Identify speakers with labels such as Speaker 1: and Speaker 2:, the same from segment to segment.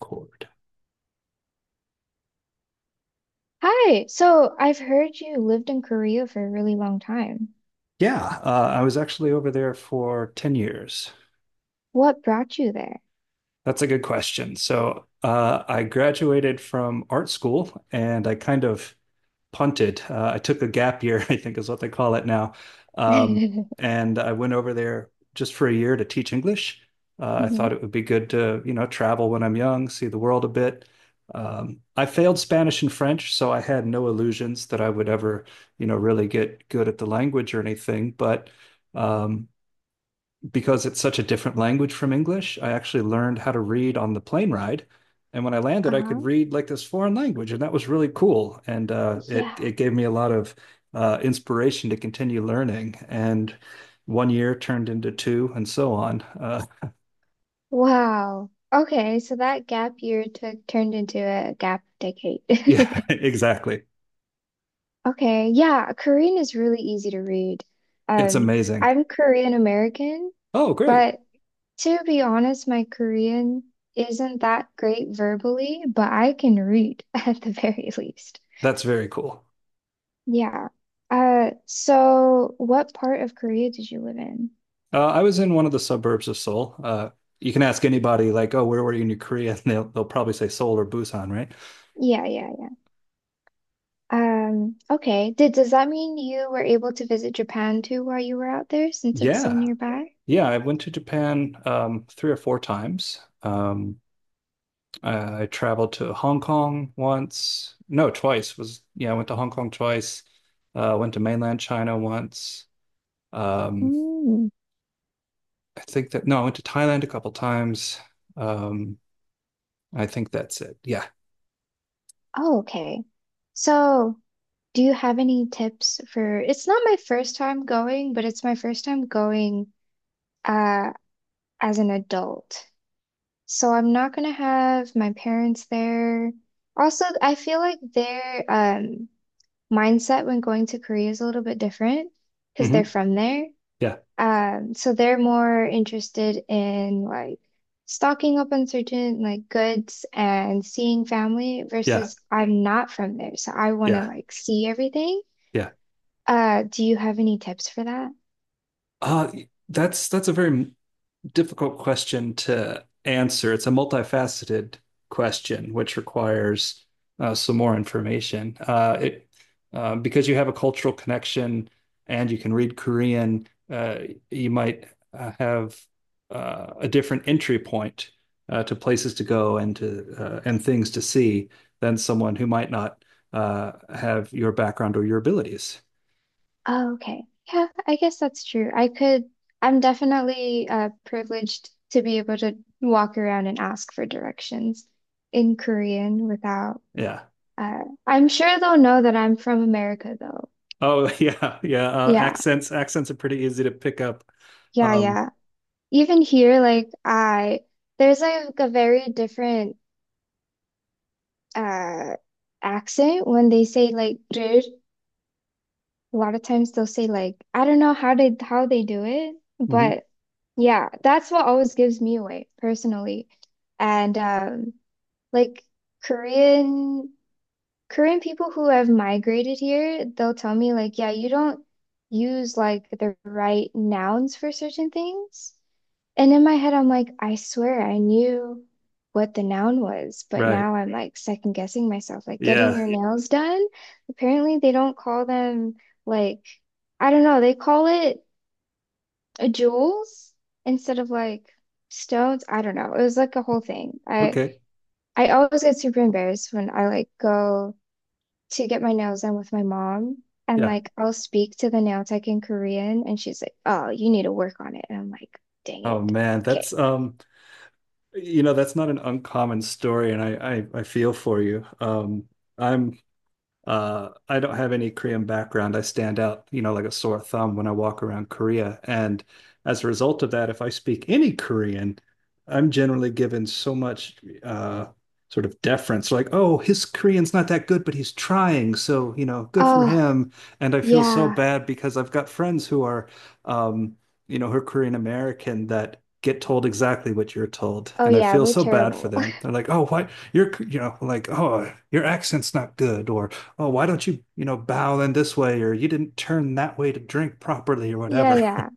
Speaker 1: Cord.
Speaker 2: Hi, so I've heard you lived in Korea for a really long time.
Speaker 1: Yeah, I was actually over there for 10 years.
Speaker 2: What brought you there?
Speaker 1: That's a good question. So I graduated from art school and I kind of punted. I took a gap year, I think is what they call it now. Um,
Speaker 2: Hmm.
Speaker 1: and I went over there just for a year to teach English. I thought it would be good to, you know, travel when I'm young, see the world a bit. I failed Spanish and French, so I had no illusions that I would ever, you know, really get good at the language or anything. But um, because it's such a different language from English, I actually learned how to read on the plane ride. And when I landed, I could
Speaker 2: Uh-huh.
Speaker 1: read like this foreign language, and that was really cool. And it
Speaker 2: Yeah.
Speaker 1: it gave me a lot of inspiration to continue learning. And one year turned into two, and so on.
Speaker 2: Wow. Okay, so that gap year took turned into a gap decade.
Speaker 1: Yeah, exactly.
Speaker 2: Okay, yeah, Korean is really easy to read.
Speaker 1: It's
Speaker 2: Um,
Speaker 1: amazing.
Speaker 2: I'm Korean American,
Speaker 1: Oh, great.
Speaker 2: but to be honest, my Korean isn't that great verbally, but I can read at the very least.
Speaker 1: That's very cool.
Speaker 2: Yeah. So what part of Korea did you live in?
Speaker 1: I was in one of the suburbs of Seoul. You can ask anybody, like, "Oh, where were you in Korea?" And they'll probably say Seoul or Busan, right?
Speaker 2: Yeah, yeah, yeah. Okay. Did does that mean you were able to visit Japan too while you were out there since it's so
Speaker 1: Yeah,
Speaker 2: nearby?
Speaker 1: yeah, I went to Japan three or four times. I traveled to Hong Kong once. No, twice was yeah, I went to Hong Kong twice. Went to mainland China once. Um,
Speaker 2: Mm.
Speaker 1: I think that no, I went to Thailand a couple times. Um, I think that's it. Yeah.
Speaker 2: Oh, okay. So, do you have any tips for it's not my first time going, but it's my first time going uh as an adult. So I'm not gonna have my parents there. Also, I feel like they're mindset when going to Korea is a little bit different because they're
Speaker 1: Hmm.
Speaker 2: from there.
Speaker 1: Yeah.
Speaker 2: So they're more interested in like stocking up on certain like goods and seeing family
Speaker 1: Yeah.
Speaker 2: versus I'm not from there, so I want
Speaker 1: Yeah.
Speaker 2: to like see everything.
Speaker 1: Yeah.
Speaker 2: Do you have any tips for that?
Speaker 1: Uh, that's a very difficult question to answer. It's a multifaceted question, which requires some more information. Because you have a cultural connection and you can read Korean, you might have a different entry point to places to go and to and things to see than someone who might not have your background or your abilities.
Speaker 2: Oh, okay. Yeah, I guess that's true. I'm definitely privileged to be able to walk around and ask for directions in Korean without.
Speaker 1: Yeah.
Speaker 2: Uh, I'm sure they'll know that I'm from America, though.
Speaker 1: Oh, yeah, yeah.
Speaker 2: Yeah,
Speaker 1: Accents are pretty easy to pick up.
Speaker 2: yeah,
Speaker 1: Um,
Speaker 2: yeah. Even here, there's like a very different uh accent when they say like "dude." A lot of times they'll say like I don't know how they do it,
Speaker 1: Mhm.
Speaker 2: but yeah, that's what always gives me away personally. And like Korean. Korean people who have migrated here, they'll tell me like, yeah, you don't use like the right nouns for certain things. And in my head, I'm like, I swear I knew what the noun was, but
Speaker 1: Right.
Speaker 2: now I'm like second guessing myself, like getting
Speaker 1: Yeah.
Speaker 2: your nails done. Apparently, they don't call them like, I don't know, they call it jewels instead of like stones. I don't know. It was like a whole thing. I
Speaker 1: Okay.
Speaker 2: I always get super embarrassed when I like go to get my nails done with my mom. And
Speaker 1: Yeah.
Speaker 2: like I'll speak to the nail tech in Korean and she's like, "Oh, you need to work on it." And I'm like, "Dang
Speaker 1: Oh
Speaker 2: it.
Speaker 1: man,
Speaker 2: Okay.
Speaker 1: that's you know, that's not an uncommon story, and I feel for you. I'm I don't have any Korean background. I stand out, you know, like a sore thumb when I walk around Korea. And as a result of that, if I speak any Korean, I'm generally given so much uh, sort of deference, like, oh, his Korean's not that good, but he's trying. So, you know, good for
Speaker 2: Oh,
Speaker 1: him. And I feel so
Speaker 2: yeah.
Speaker 1: bad because I've got friends who are, um, you know, who are Korean American that get told exactly what you're told.
Speaker 2: Oh
Speaker 1: And I
Speaker 2: yeah,
Speaker 1: feel
Speaker 2: we're
Speaker 1: so bad for
Speaker 2: terrible."
Speaker 1: them. They're like, oh, why? You know, like, oh, your accent's not good, or oh, why don't you, you know, bow in this way or you didn't turn that way to drink properly or
Speaker 2: Yeah,
Speaker 1: whatever.
Speaker 2: yeah.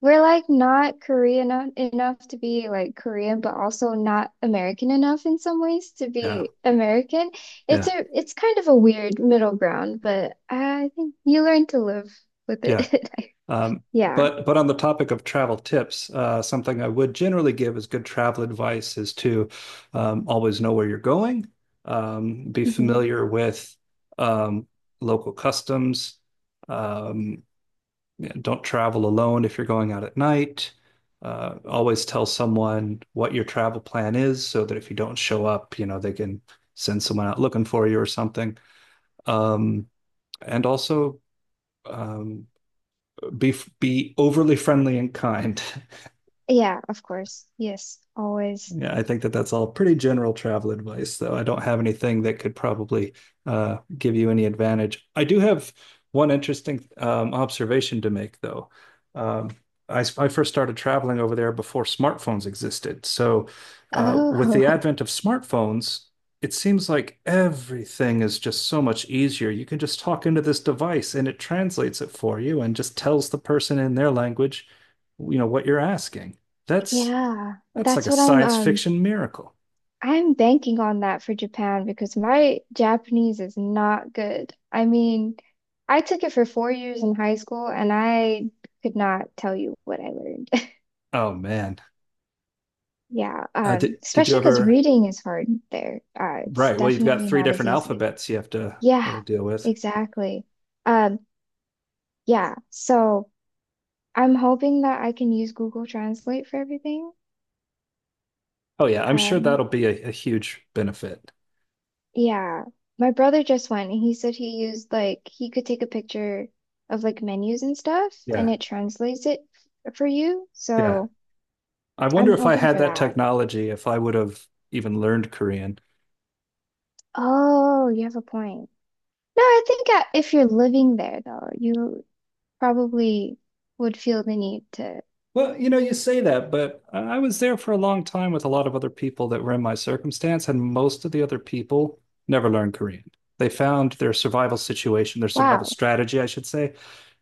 Speaker 2: We're like not Korean enough to be like Korean, but also not American enough in some ways to
Speaker 1: Yeah,
Speaker 2: be American. It's
Speaker 1: yeah,
Speaker 2: a it's kind of a weird middle ground, but I think you learn to live with
Speaker 1: yeah.
Speaker 2: it.
Speaker 1: Um,
Speaker 2: Yeah.
Speaker 1: but on the topic of travel tips, something I would generally give as good travel advice is to always know where you're going, be
Speaker 2: Mhm.
Speaker 1: familiar with um, local customs, um, don't travel alone if you're going out at night. Always tell someone what your travel plan is so that if you don't show up, you know, they can send someone out looking for you or something. Um, and also um, be overly friendly and kind.
Speaker 2: Yeah, of course. Yes, always.
Speaker 1: Yeah, I think that that's all pretty general travel advice, though. I don't have anything that could probably give you any advantage. I do have one interesting observation to make, though. Um, I first started traveling over there before smartphones existed. So, with the
Speaker 2: Oh,
Speaker 1: advent of smartphones, it seems like everything is just so much easier. You can just talk into this device and it translates it for you and just tells the person in their language, you know, what you're asking. That's
Speaker 2: yeah.
Speaker 1: that's like
Speaker 2: That's
Speaker 1: a
Speaker 2: what I'm
Speaker 1: science
Speaker 2: um
Speaker 1: fiction miracle.
Speaker 2: I'm banking on that for Japan because my Japanese is not good. I mean, I took it for 4 years in high school and I could not tell you what I learned.
Speaker 1: Oh man.
Speaker 2: Yeah,
Speaker 1: Did you
Speaker 2: especially because
Speaker 1: ever?
Speaker 2: reading is hard there. It's
Speaker 1: Right. Well, you've got
Speaker 2: definitely
Speaker 1: three
Speaker 2: not as
Speaker 1: different
Speaker 2: easy.
Speaker 1: alphabets you have to
Speaker 2: Yeah,
Speaker 1: deal with.
Speaker 2: exactly. Um, yeah, so I'm hoping that I can use Google Translate for everything.
Speaker 1: Oh yeah, I'm sure
Speaker 2: Um.
Speaker 1: that'll be a huge benefit.
Speaker 2: Yeah, my brother just went and he said he used like he could take a picture of like menus and stuff and
Speaker 1: Yeah.
Speaker 2: it translates it for you.
Speaker 1: Yeah.
Speaker 2: So
Speaker 1: I
Speaker 2: I'm
Speaker 1: wonder if I
Speaker 2: hoping
Speaker 1: had
Speaker 2: for
Speaker 1: that
Speaker 2: that.
Speaker 1: technology, if I would have even learned Korean.
Speaker 2: Oh, you have a point. No, I think if you're living there though, you probably would feel the need to.
Speaker 1: Well, you know, you say that, but I was there for a long time with a lot of other people that were in my circumstance, and most of the other people never learned Korean. They found their survival situation, their survival
Speaker 2: Wow.
Speaker 1: strategy, I should say,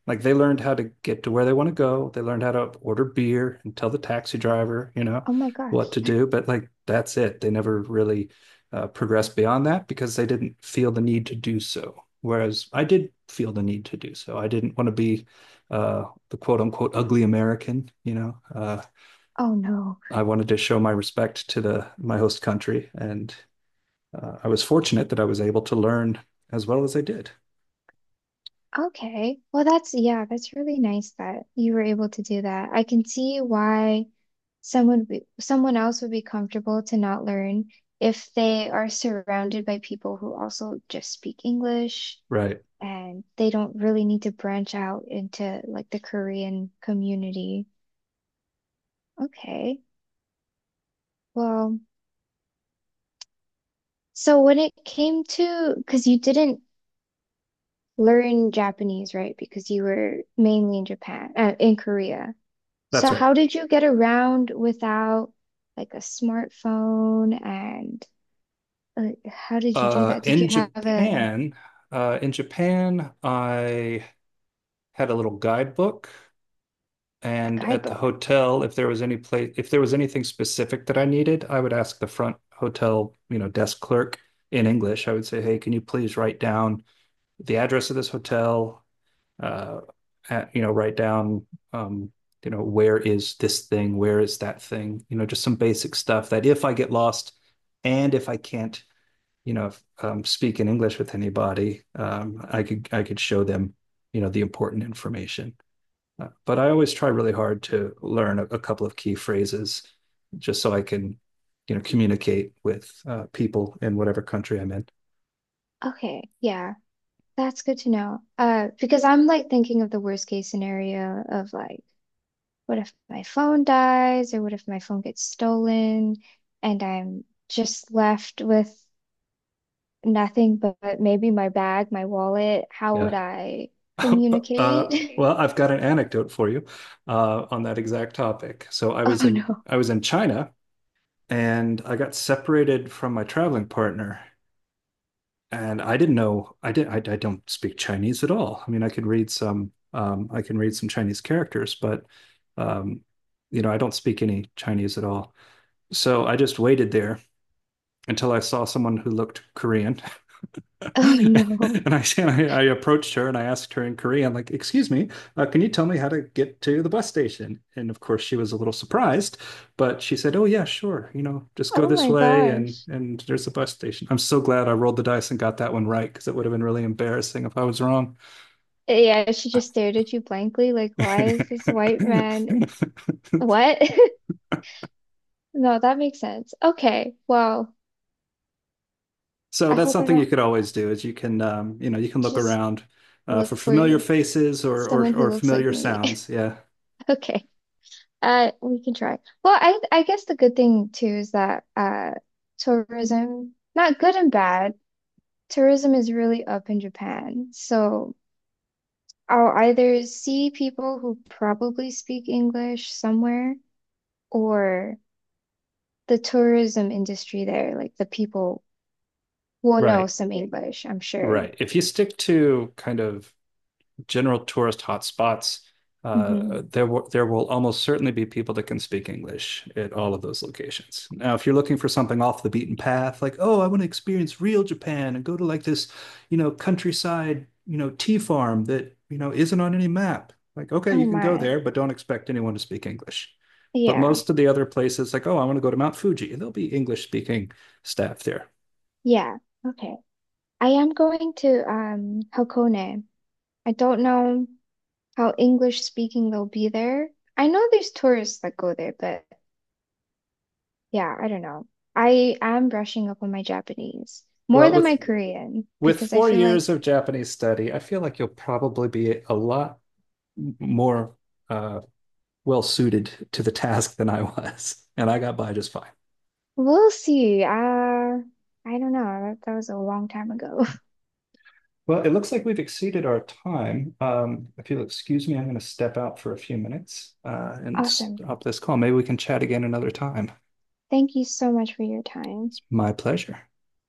Speaker 1: like they learned how to get to where they want to go. They learned how to order beer and tell the taxi driver, you know,
Speaker 2: Oh my
Speaker 1: what
Speaker 2: gosh.
Speaker 1: to do. But like that's it. They never really progressed beyond that because they didn't feel the need to do so. Whereas I did feel the need to do so. I didn't want to be the quote unquote ugly American, you know.
Speaker 2: Oh no.
Speaker 1: I wanted to show my respect to the my host country and I was fortunate that I was able to learn as well as I did.
Speaker 2: Okay. Well, that's, yeah, that's really nice that you were able to do that. I can see why someone else would be comfortable to not learn if they are surrounded by people who also just speak English
Speaker 1: Right.
Speaker 2: and they don't really need to branch out into like the Korean community. Okay. Well, so when it came to, because you didn't learn Japanese, right? Because you were mainly in Japan, in Korea. So
Speaker 1: That's right.
Speaker 2: how did you get around without like a smartphone and how did you do
Speaker 1: Uh,
Speaker 2: that? Did you
Speaker 1: in
Speaker 2: have a,
Speaker 1: Japan, in Japan, I had a little guidebook,
Speaker 2: a
Speaker 1: and at the
Speaker 2: guidebook?
Speaker 1: hotel, if there was any place, if there was anything specific that I needed, I would ask the front hotel, you know, desk clerk in English. I would say, "Hey, can you please write down the address of this hotel, uh, at, you know, write down, um, you know, where is this thing? Where is that thing? You know, just some basic stuff that if I get lost and if I can't, you know, speak in English with anybody, I could show them, you know, the important information. But I always try really hard to learn a couple of key phrases just so I can, you know, communicate with people in whatever country I'm in.
Speaker 2: Okay, yeah, that's good to know. Because I'm like thinking of the worst case scenario of like, what if my phone dies or what if my phone gets stolen and I'm just left with nothing but maybe my bag, my wallet? How would
Speaker 1: Yeah.
Speaker 2: I communicate?
Speaker 1: Well, I've got an anecdote for you on that exact topic. So
Speaker 2: Oh no.
Speaker 1: I was in China and I got separated from my traveling partner. And I didn't know I did I don't speak Chinese at all. I mean, I could read some I can read some Chinese characters, but um, you know, I don't speak any Chinese at all. So I just waited there until I saw someone who looked Korean.
Speaker 2: Oh no.
Speaker 1: I approached her and I asked her in Korean, like, "Excuse me, can you tell me how to get to the bus station?" And of course, she was a little surprised, but she said, "Oh yeah, sure. You know, just go
Speaker 2: Oh
Speaker 1: this
Speaker 2: my
Speaker 1: way,
Speaker 2: gosh.
Speaker 1: and there's a bus station." I'm so glad I rolled the dice and got that one right because it would have been really embarrassing if I was wrong.
Speaker 2: Yeah, she just stared at you blankly, like, why is this white man? What? No, that makes sense. Okay, well,
Speaker 1: So
Speaker 2: I
Speaker 1: that's
Speaker 2: hope I
Speaker 1: something you
Speaker 2: don't
Speaker 1: could always do is you can, you know, you can look
Speaker 2: just
Speaker 1: around for
Speaker 2: look for
Speaker 1: familiar faces
Speaker 2: someone who
Speaker 1: or
Speaker 2: looks like
Speaker 1: familiar
Speaker 2: me.
Speaker 1: sounds. Yeah.
Speaker 2: Okay, we can try. Well, I guess the good thing too is that tourism, not good and bad, tourism is really up in Japan. So I'll either see people who probably speak English somewhere, or the tourism industry there, like the people will know
Speaker 1: Right.
Speaker 2: some English, I'm sure.
Speaker 1: Right. If you stick to kind of general tourist hotspots,
Speaker 2: Hmm.
Speaker 1: there will almost certainly be people that can speak English at all of those locations. Now, if you're looking for something off the beaten path, like, oh, I want to experience real Japan and go to like this, you know, countryside, you know, tea farm that, you know, isn't on any map. Like, okay,
Speaker 2: Oh
Speaker 1: you can go
Speaker 2: my.
Speaker 1: there, but don't expect anyone to speak English. But
Speaker 2: Yeah.
Speaker 1: most of the other places, like, oh, I want to go to Mount Fuji, there'll be English speaking staff there.
Speaker 2: Yeah. Okay. I am going to Hakone. I don't know how English speaking they'll be there. I know there's tourists that go there, but yeah, I don't know. I am brushing up on my Japanese more
Speaker 1: Well,
Speaker 2: than my
Speaker 1: with
Speaker 2: Korean
Speaker 1: with
Speaker 2: because I
Speaker 1: four
Speaker 2: feel
Speaker 1: years
Speaker 2: like
Speaker 1: of Japanese study, I feel like you'll probably be a lot more uh, well suited to the task than I was, and I got by just fine.
Speaker 2: we'll see. I don't know. That was a long time ago.
Speaker 1: Well, it looks like we've exceeded our time. If you'll excuse me, I'm going to step out for a few minutes and
Speaker 2: Awesome.
Speaker 1: stop this call. Maybe we can chat again another time.
Speaker 2: Thank you so much for your time.
Speaker 1: It's my pleasure.